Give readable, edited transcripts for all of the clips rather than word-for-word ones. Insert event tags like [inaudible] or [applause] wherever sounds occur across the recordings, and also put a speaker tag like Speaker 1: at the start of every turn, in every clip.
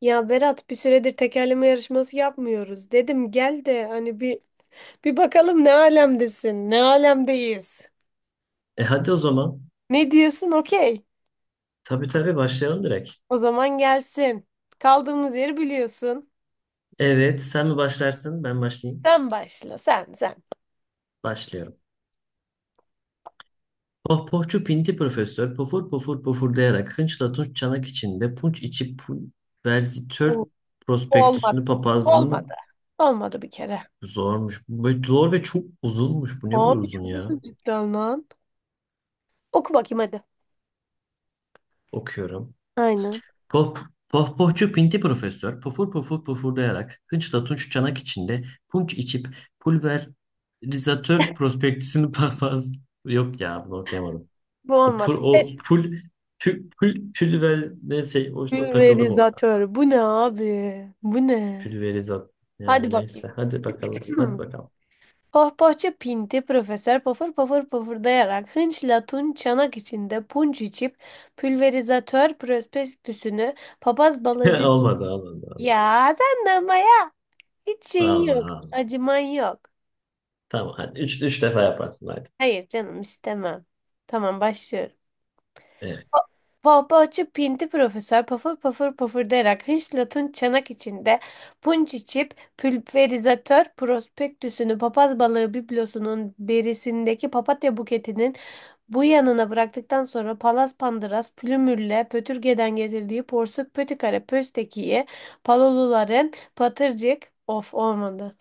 Speaker 1: Ya Berat, bir süredir tekerleme yarışması yapmıyoruz. Dedim gel de hani bir bakalım ne alemdesin, ne alemdeyiz.
Speaker 2: Hadi o zaman.
Speaker 1: Ne diyorsun? Okey.
Speaker 2: Tabii, başlayalım direkt.
Speaker 1: O zaman gelsin. Kaldığımız yeri biliyorsun.
Speaker 2: Evet, sen mi başlarsın, ben başlayayım.
Speaker 1: Sen başla, sen.
Speaker 2: Başlıyorum. Pohpohçu pinti profesör pofur pofur pofurdayarak hınçla tunç çanak içinde punç içi pu-
Speaker 1: Oo,
Speaker 2: verzitör prospektüsünü
Speaker 1: olmadı.
Speaker 2: papazlığını
Speaker 1: Olmadı. Olmadı bir kere.
Speaker 2: zormuş. Ve zor ve çok uzunmuş. Bu niye bu kadar
Speaker 1: Abi
Speaker 2: uzun
Speaker 1: çok
Speaker 2: ya?
Speaker 1: hızlı cidden lan. Oku bakayım hadi.
Speaker 2: Okuyorum.
Speaker 1: Aynen.
Speaker 2: Poh, pohpohçu pinti profesör pofur pofur pofurdayarak hınçla tunç çanak içinde punç içip pulverizatör prospektüsünü [laughs] papaz... Yok ya bunu okuyamadım.
Speaker 1: Bu
Speaker 2: O, pul,
Speaker 1: olmadı.
Speaker 2: o
Speaker 1: Pes.
Speaker 2: pul, pul, pulver neyse oysa takıldım orada.
Speaker 1: Pulverizatör. Bu ne abi? Bu ne?
Speaker 2: Pülverizat.
Speaker 1: Hadi
Speaker 2: Yani
Speaker 1: bakayım.
Speaker 2: neyse. Hadi bakalım. Hadi
Speaker 1: [clears throat]
Speaker 2: bakalım.
Speaker 1: Pohpohçu pinti profesör pofur pofur pofurdayarak hınçla tun çanak içinde punç içip pülverizatör prospektüsünü papaz balığı
Speaker 2: [laughs]
Speaker 1: bir...
Speaker 2: Olmadı.
Speaker 1: Ya sen de ama ya, hiç
Speaker 2: Allah
Speaker 1: şeyin yok,
Speaker 2: Allah.
Speaker 1: acıman yok.
Speaker 2: Tamam hadi. Üç defa yaparsın hadi.
Speaker 1: Hayır canım, istemem. Tamam, başlıyorum.
Speaker 2: Evet.
Speaker 1: Pohpohçu pinti profesör pafır pafır pafırdayarak hırsla tun çanak içinde punç içip pülverizatör prospektüsünü papaz balığı biblosunun berisindeki papatya buketinin bu yanına bıraktıktan sonra palas pandıras plümürle pötürgeden getirdiği porsuk pötikare pöstekiyi paloluların patırcık of olmadı.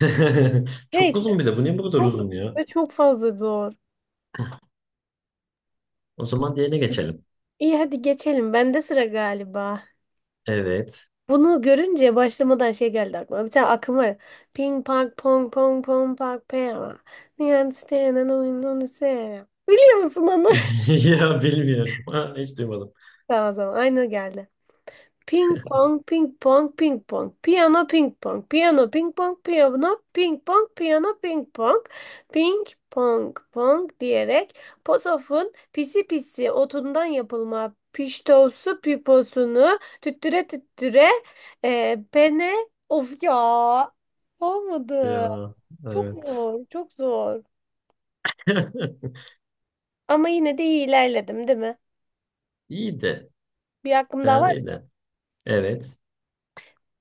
Speaker 2: [laughs] Çok
Speaker 1: Neyse.
Speaker 2: uzun bir de. Bu niye bu kadar
Speaker 1: Çok,
Speaker 2: uzun ya?
Speaker 1: çok fazla zor.
Speaker 2: O zaman diğerine geçelim.
Speaker 1: İyi, hadi geçelim. Bende sıra galiba.
Speaker 2: Evet.
Speaker 1: Bunu görünce başlamadan şey geldi aklıma. Bir tane akım var. Ping pong pong pong pong pong pong. Niye understand and I don't understand. Biliyor musun onu?
Speaker 2: [laughs] Ya bilmiyorum. Ha, hiç duymadım.
Speaker 1: [laughs] Tamam, tamam. Aynı o geldi. Ping pong, ping pong, ping pong. Piyano, ping pong, piyano, ping pong, piyano, ping pong, piyano, ping pong. Ping pong, pong diyerek posofun pisi pisi otundan yapılma piştosu piposunu tüttüre tüttüre pene. Of ya. Olmadı.
Speaker 2: Ya
Speaker 1: Çok
Speaker 2: evet.
Speaker 1: zor, çok zor.
Speaker 2: [laughs]
Speaker 1: Ama yine de iyi ilerledim, değil mi?
Speaker 2: İyiydi.
Speaker 1: Bir hakkım daha
Speaker 2: Fena
Speaker 1: var.
Speaker 2: değil de. Evet.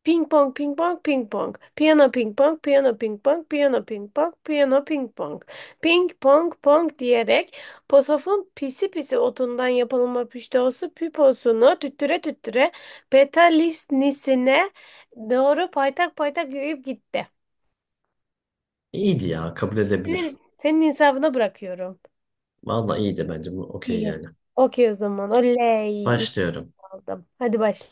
Speaker 1: Ping pong, ping pong, ping pong. Piyano, ping pong, piyano, ping pong, piyano, ping pong, piyano, ping pong. Ping pong, pong diyerek posofun pisi pisi otundan yapılma püşteosu piposunu tüttüre tüttüre petalisnisine doğru paytak paytak yürüyüp gitti.
Speaker 2: İyiydi ya. Kabul edebilir.
Speaker 1: Senin insafına bırakıyorum.
Speaker 2: Vallahi iyiydi bence. Bu okey
Speaker 1: İyi.
Speaker 2: yani.
Speaker 1: Okey o zaman. Oley. İlk
Speaker 2: Başlıyorum.
Speaker 1: aldım. Hadi başla.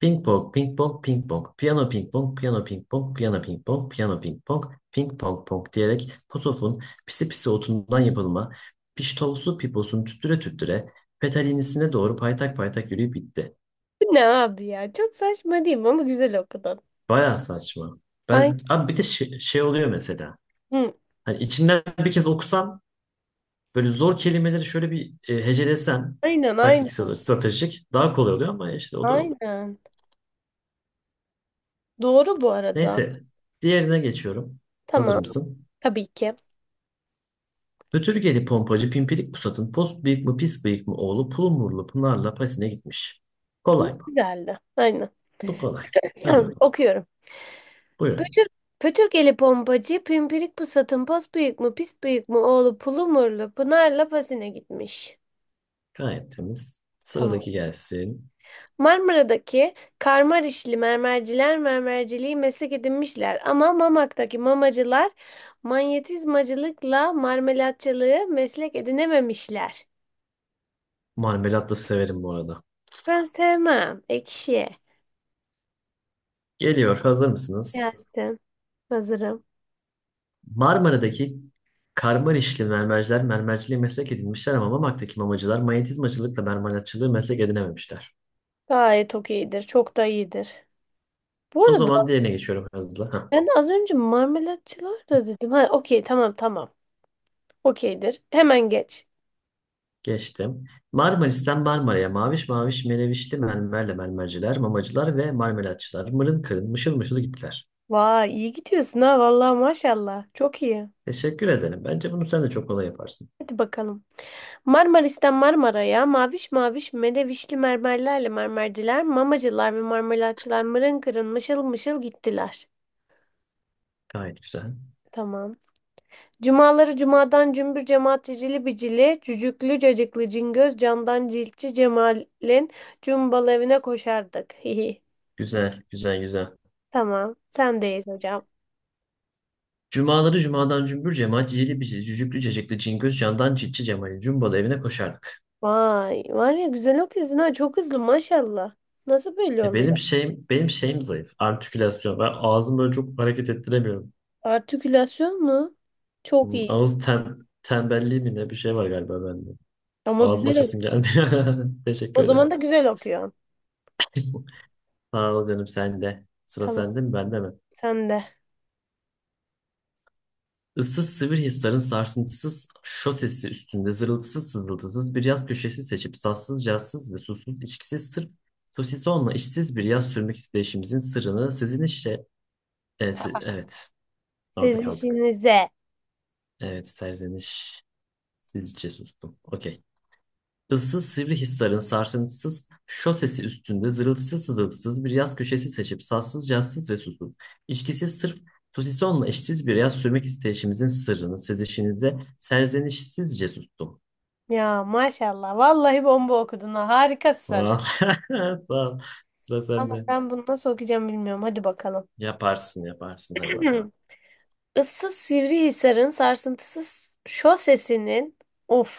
Speaker 2: Ping pong, ping pong, ping pong, piyano ping pong, piyano ping pong, piyano ping pong, piyano ping pong, ping pong pong diyerek posofun pisi pisi otundan yapılma, piştolsu piposunu tüttüre tüttüre petalinisine doğru paytak paytak yürüyüp bitti.
Speaker 1: Bu ne abi ya? Çok saçma değil mi? Ama güzel okudun.
Speaker 2: Baya saçma.
Speaker 1: Aynen.
Speaker 2: Ben, abi bir de şey oluyor mesela. Hani içinden bir kez okusam böyle zor kelimeleri şöyle bir hecelesem
Speaker 1: Aynen,
Speaker 2: taktiksel,
Speaker 1: aynen.
Speaker 2: stratejik daha kolay oluyor ama işte o da
Speaker 1: Aynen. Doğru bu arada.
Speaker 2: neyse. Diğerine geçiyorum. Hazır
Speaker 1: Tamam.
Speaker 2: mısın?
Speaker 1: Tabii ki.
Speaker 2: Götürgeli pompacı Pimpirik Pusat'ın post bıyık mı pis bıyık mı oğlu Pulumurlu Pınar'la Pasin'e gitmiş. Kolay mı?
Speaker 1: Güzeldi. Aynen.
Speaker 2: Bu kolay. Hadi
Speaker 1: [clears throat]
Speaker 2: bakalım.
Speaker 1: Okuyorum.
Speaker 2: Buyurun.
Speaker 1: Pötür, pötürgeli pompacı, pimpirik pusatın pos büyük mü, pis büyük mü, oğlu pulu murlu, Pınar'la pasine gitmiş.
Speaker 2: Gayet temiz.
Speaker 1: Tamam.
Speaker 2: Sıradaki gelsin.
Speaker 1: Marmara'daki karmarişli mermerciler mermerciliği meslek edinmişler. Ama Mamak'taki mamacılar manyetizmacılıkla marmelatçılığı meslek edinememişler.
Speaker 2: Marmelat da severim bu arada.
Speaker 1: Ben sevmem. Ekşi.
Speaker 2: Geliyor. Hazır mısınız?
Speaker 1: Gelsin. Hazırım.
Speaker 2: Marmara'daki Karmanişli mermerciler mermerciliği meslek edinmişler ama Mamak'taki mamacılar manyetizmacılıkla mermerlatçılığı meslek edinememişler.
Speaker 1: Gayet okeyidir. Çok da iyidir. Bu
Speaker 2: O
Speaker 1: arada
Speaker 2: zaman diğerine geçiyorum hızlı. Heh.
Speaker 1: ben az önce marmelatçılar da dedim. Ha okey, tamam. Okeydir. Hemen geç.
Speaker 2: Geçtim. Marmaris'ten Marmara'ya maviş maviş melevişli mermerle mermerciler, mamacılar ve marmelatçılar mırın kırın mışıl mışıl gittiler.
Speaker 1: Vay, iyi gidiyorsun ha, vallahi maşallah. Çok iyi.
Speaker 2: Teşekkür ederim. Bence bunu sen de çok kolay yaparsın.
Speaker 1: Hadi bakalım. Marmaris'ten Marmara'ya maviş maviş merevişli mermerlerle mermerciler, mamacılar ve marmelatçılar mırın kırın mışıl mışıl gittiler.
Speaker 2: Gayet güzel.
Speaker 1: Tamam. Cumaları cumadan cümbür cemaat cicili bicili, cücüklü cacıklı cingöz candan ciltçi Cemal'in cumbalı evine koşardık. [laughs] Hihi.
Speaker 2: Güzel, güzel, güzel.
Speaker 1: Tamam. Sendeyiz hocam.
Speaker 2: Cumaları cumadan cümbür cemaat cicili bicili cücüklü cecikli cingöz candan çitçi cemali cumbalı evine koşardık.
Speaker 1: Vay var ya, güzel okuyorsun ha, çok hızlı maşallah. Nasıl böyle
Speaker 2: Ya
Speaker 1: oluyor?
Speaker 2: benim şeyim zayıf. Artikülasyon. Ben ağzımı böyle çok hareket ettiremiyorum.
Speaker 1: Artikülasyon mu? Çok
Speaker 2: Hmm,
Speaker 1: iyi.
Speaker 2: ağız tembelliği mi ne bir şey var galiba bende.
Speaker 1: Ama
Speaker 2: Ağzım
Speaker 1: güzel okuyor.
Speaker 2: açasım geldi. [laughs] Teşekkür
Speaker 1: O zaman
Speaker 2: ederim.
Speaker 1: da güzel okuyor.
Speaker 2: [laughs] Sağ ol canım sen de. Sıra
Speaker 1: Tamam,
Speaker 2: sende mi bende mi?
Speaker 1: sen de.
Speaker 2: Issız sivri hisların sarsıntısız şosesi üstünde zırıltısız sızıltısız bir yaz köşesi seçip sassız cazsız ve susuz içkisiz sırf sosisonla işsiz bir yaz sürmek isteyişimizin sırrını sizin işte evet
Speaker 1: Siz
Speaker 2: orada kaldık.
Speaker 1: işinize.
Speaker 2: Evet serzeniş sizce sustum. Okey. Issız Sivrihisar'ın sarsıntısız şosesi üstünde zırıltısız sızıltısız bir yaz köşesi seçip sassız cazsız ve susuz, içkisiz sırf Tusison'la eşsiz bir yaz sürmek isteyişimizin sırrını sezişinize serzenişsizce sustum.
Speaker 1: Ya maşallah. Vallahi bomba okudun ha. Harikasın.
Speaker 2: Vah. [laughs] Tamam. Sıra
Speaker 1: Ama
Speaker 2: sende.
Speaker 1: ben bunu nasıl okuyacağım bilmiyorum. Hadi bakalım.
Speaker 2: Yaparsın, hadi
Speaker 1: [clears throat]
Speaker 2: bakalım.
Speaker 1: Issız Sivrihisar'ın sarsıntısız şosesinin of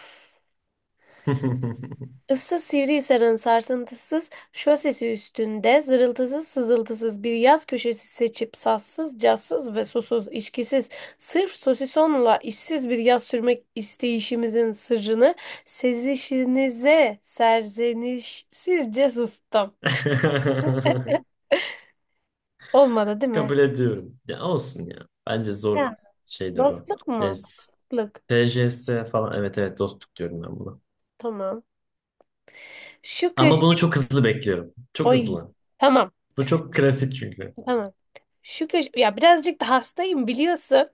Speaker 1: Issız Sivrihisar'ın sarsıntısız şosesi üstünde zırıltısız sızıltısız bir yaz köşesi seçip sassız, cazsız ve susuz, içkisiz, sırf sosisonla işsiz bir yaz sürmek isteyişimizin sırrını sezişinize serzenişsizce sustum.
Speaker 2: [laughs]
Speaker 1: Olmadı değil mi?
Speaker 2: Kabul ediyorum. Ya olsun ya. Bence
Speaker 1: Ya.
Speaker 2: zor bir şey de bu.
Speaker 1: Dostluk
Speaker 2: Yani
Speaker 1: mu? Dostluk.
Speaker 2: TCS falan evet evet dostluk diyorum ben buna.
Speaker 1: Tamam. Şu
Speaker 2: Ama
Speaker 1: köşe...
Speaker 2: bunu çok hızlı bekliyorum. Çok
Speaker 1: Oy.
Speaker 2: hızlı.
Speaker 1: Tamam.
Speaker 2: Bu çok klasik çünkü.
Speaker 1: Tamam. Şu köş, ya birazcık da hastayım biliyorsun.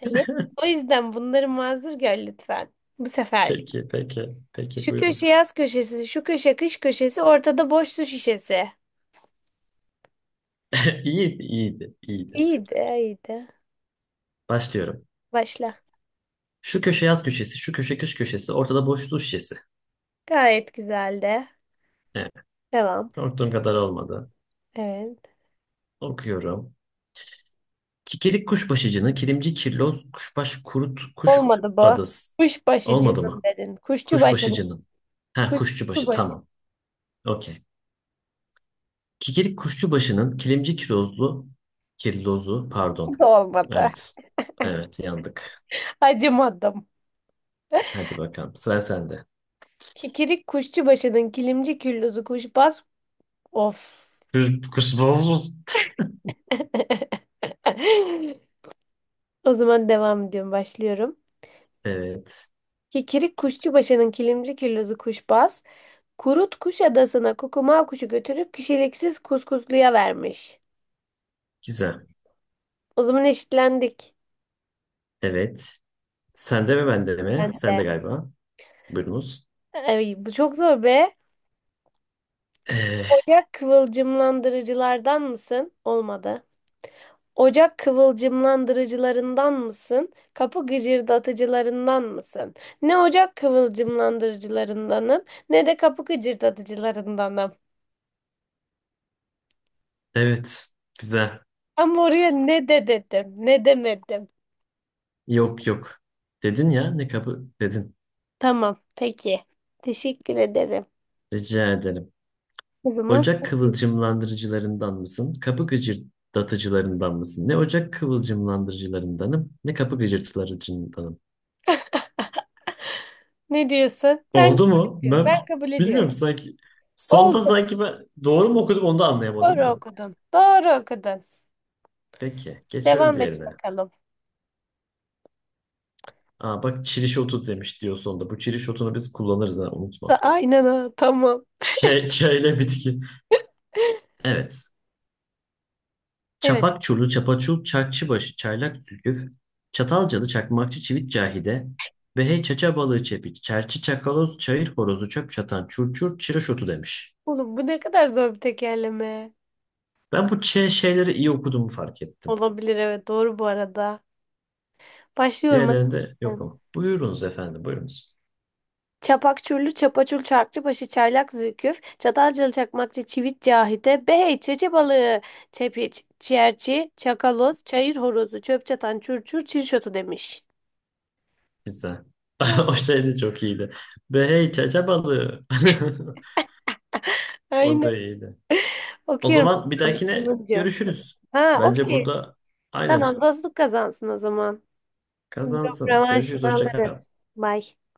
Speaker 1: Hani o yüzden bunları mazur gör lütfen. Bu seferlik.
Speaker 2: Peki,
Speaker 1: Şu köşe
Speaker 2: buyurun.
Speaker 1: yaz köşesi, şu köşe kış köşesi, ortada boş su şişesi.
Speaker 2: [laughs] İyiydi.
Speaker 1: İyiydi, iyiydi.
Speaker 2: Başlıyorum.
Speaker 1: Başla.
Speaker 2: Şu köşe yaz köşesi, şu köşe kış köşesi, ortada boş su şişesi.
Speaker 1: Gayet güzeldi.
Speaker 2: Evet,
Speaker 1: Devam.
Speaker 2: korktuğum kadar olmadı.
Speaker 1: Evet.
Speaker 2: Okuyorum. Kikirik kuşbaşıcını, kilimci kirloz, kuşbaş kurut, kuş
Speaker 1: Olmadı bu.
Speaker 2: adası.
Speaker 1: Kuşbaşı
Speaker 2: Olmadı
Speaker 1: canım
Speaker 2: mı?
Speaker 1: dedin. Kuşçu başı.
Speaker 2: Kuşbaşıcının. Ha,
Speaker 1: Kuşçu
Speaker 2: kuşçubaşı,
Speaker 1: başı
Speaker 2: tamam. Okey. Kikirik kuşçubaşının, kilimci kirozlu, kirlozu, pardon.
Speaker 1: da olmadı.
Speaker 2: Evet, evet, yandık.
Speaker 1: [laughs] Acımadım.
Speaker 2: Hadi bakalım sıra sende.
Speaker 1: Kikirik kuşçu başının kilimci küllüzü kuşbaz. Of.
Speaker 2: Kır- Kırsız mısın?
Speaker 1: [laughs] O zaman devam ediyorum, başlıyorum.
Speaker 2: Evet.
Speaker 1: Kikirik kuşçubaşının kilimci kirlozu kuşbaz, kurut kuş adasına kukumav kuşu götürüp kişiliksiz kuskusluya vermiş.
Speaker 2: Güzel.
Speaker 1: O zaman eşitlendik.
Speaker 2: Evet. Sende mi bende mi?
Speaker 1: Ben de.
Speaker 2: Sende galiba. Buyurunuz.
Speaker 1: Ay, bu çok zor be.
Speaker 2: Ee,
Speaker 1: Ocak kıvılcımlandırıcılardan mısın? Olmadı. Ocak kıvılcımlandırıcılarından mısın? Kapı gıcırdatıcılarından mısın? Ne ocak kıvılcımlandırıcılarındanım, ne de kapı gıcırdatıcılarındanım.
Speaker 2: evet. Güzel.
Speaker 1: Ama oraya ne de dedim, ne demedim.
Speaker 2: Yok. Dedin ya ne kabı dedin.
Speaker 1: Tamam, peki. Teşekkür ederim.
Speaker 2: Rica ederim.
Speaker 1: O zaman
Speaker 2: Ocak
Speaker 1: sen-
Speaker 2: kıvılcımlandırıcılarından mısın? Kapı gıcırdatıcılarından mısın? Ne ocak kıvılcımlandırıcılarındanım ne kapı gıcırdatıcılarındanım?
Speaker 1: ne diyorsun? Ben
Speaker 2: Oldu mu?
Speaker 1: kabul ediyorum. Ben
Speaker 2: Ben
Speaker 1: kabul
Speaker 2: bilmiyorum
Speaker 1: ediyorum.
Speaker 2: sanki. Sonda
Speaker 1: Oldu.
Speaker 2: sanki ben doğru mu okudum onu da
Speaker 1: Doğru
Speaker 2: anlayamadım da.
Speaker 1: okudun. Doğru okudun.
Speaker 2: Peki. Geçiyorum
Speaker 1: Devam et
Speaker 2: diğerine.
Speaker 1: bakalım.
Speaker 2: Aa, bak çiriş otu demiş diyor sonunda. Bu çiriş otunu biz kullanırız ha
Speaker 1: Da-
Speaker 2: unutma.
Speaker 1: aynen ha. Tamam.
Speaker 2: Şey, [laughs] çayla bitki.
Speaker 1: [laughs]
Speaker 2: Evet.
Speaker 1: Evet.
Speaker 2: Çapak çurlu, çapaçul, çakçıbaşı, çaylak zülküf, çatalcalı, çakmakçı, çivit cahide, behey, çaça balığı çepik, çerçi, çakaloz, çayır horozu, çöp çatan, çurçur, çiriş otu demiş.
Speaker 1: Oğlum bu ne kadar zor bir tekerleme.
Speaker 2: Ben bu şeyleri iyi okuduğumu fark ettim.
Speaker 1: Olabilir, evet. Doğru bu arada. Başlıyorum.
Speaker 2: Diğerlerinde yok ama. Buyurunuz efendim.
Speaker 1: Çapakçurlu, Çapaçul, Çarkçıbaşı, Çaylak, Zülküf, Çatalcalı, Çakmakçı, Çivit, Cahide, behey, çeçe balığı, çepiç, çerçi, çakaloz, çayır horozu, çöp çatan, çurçur, çirşotu demiş.
Speaker 2: Güzel.
Speaker 1: Ya,
Speaker 2: [laughs] O şey de çok iyiydi. Behey, çaça balığı. [laughs] O
Speaker 1: aynen.
Speaker 2: da iyiydi. O
Speaker 1: Okuyorum
Speaker 2: zaman bir dahakine
Speaker 1: bulunca.
Speaker 2: görüşürüz.
Speaker 1: Ha,
Speaker 2: Bence
Speaker 1: okey.
Speaker 2: burada aynen
Speaker 1: Tamam, dostluk kazansın o zaman. Yok,
Speaker 2: kazansın.
Speaker 1: revanşını
Speaker 2: Görüşürüz. Hoşça kal.
Speaker 1: alırız. Bye.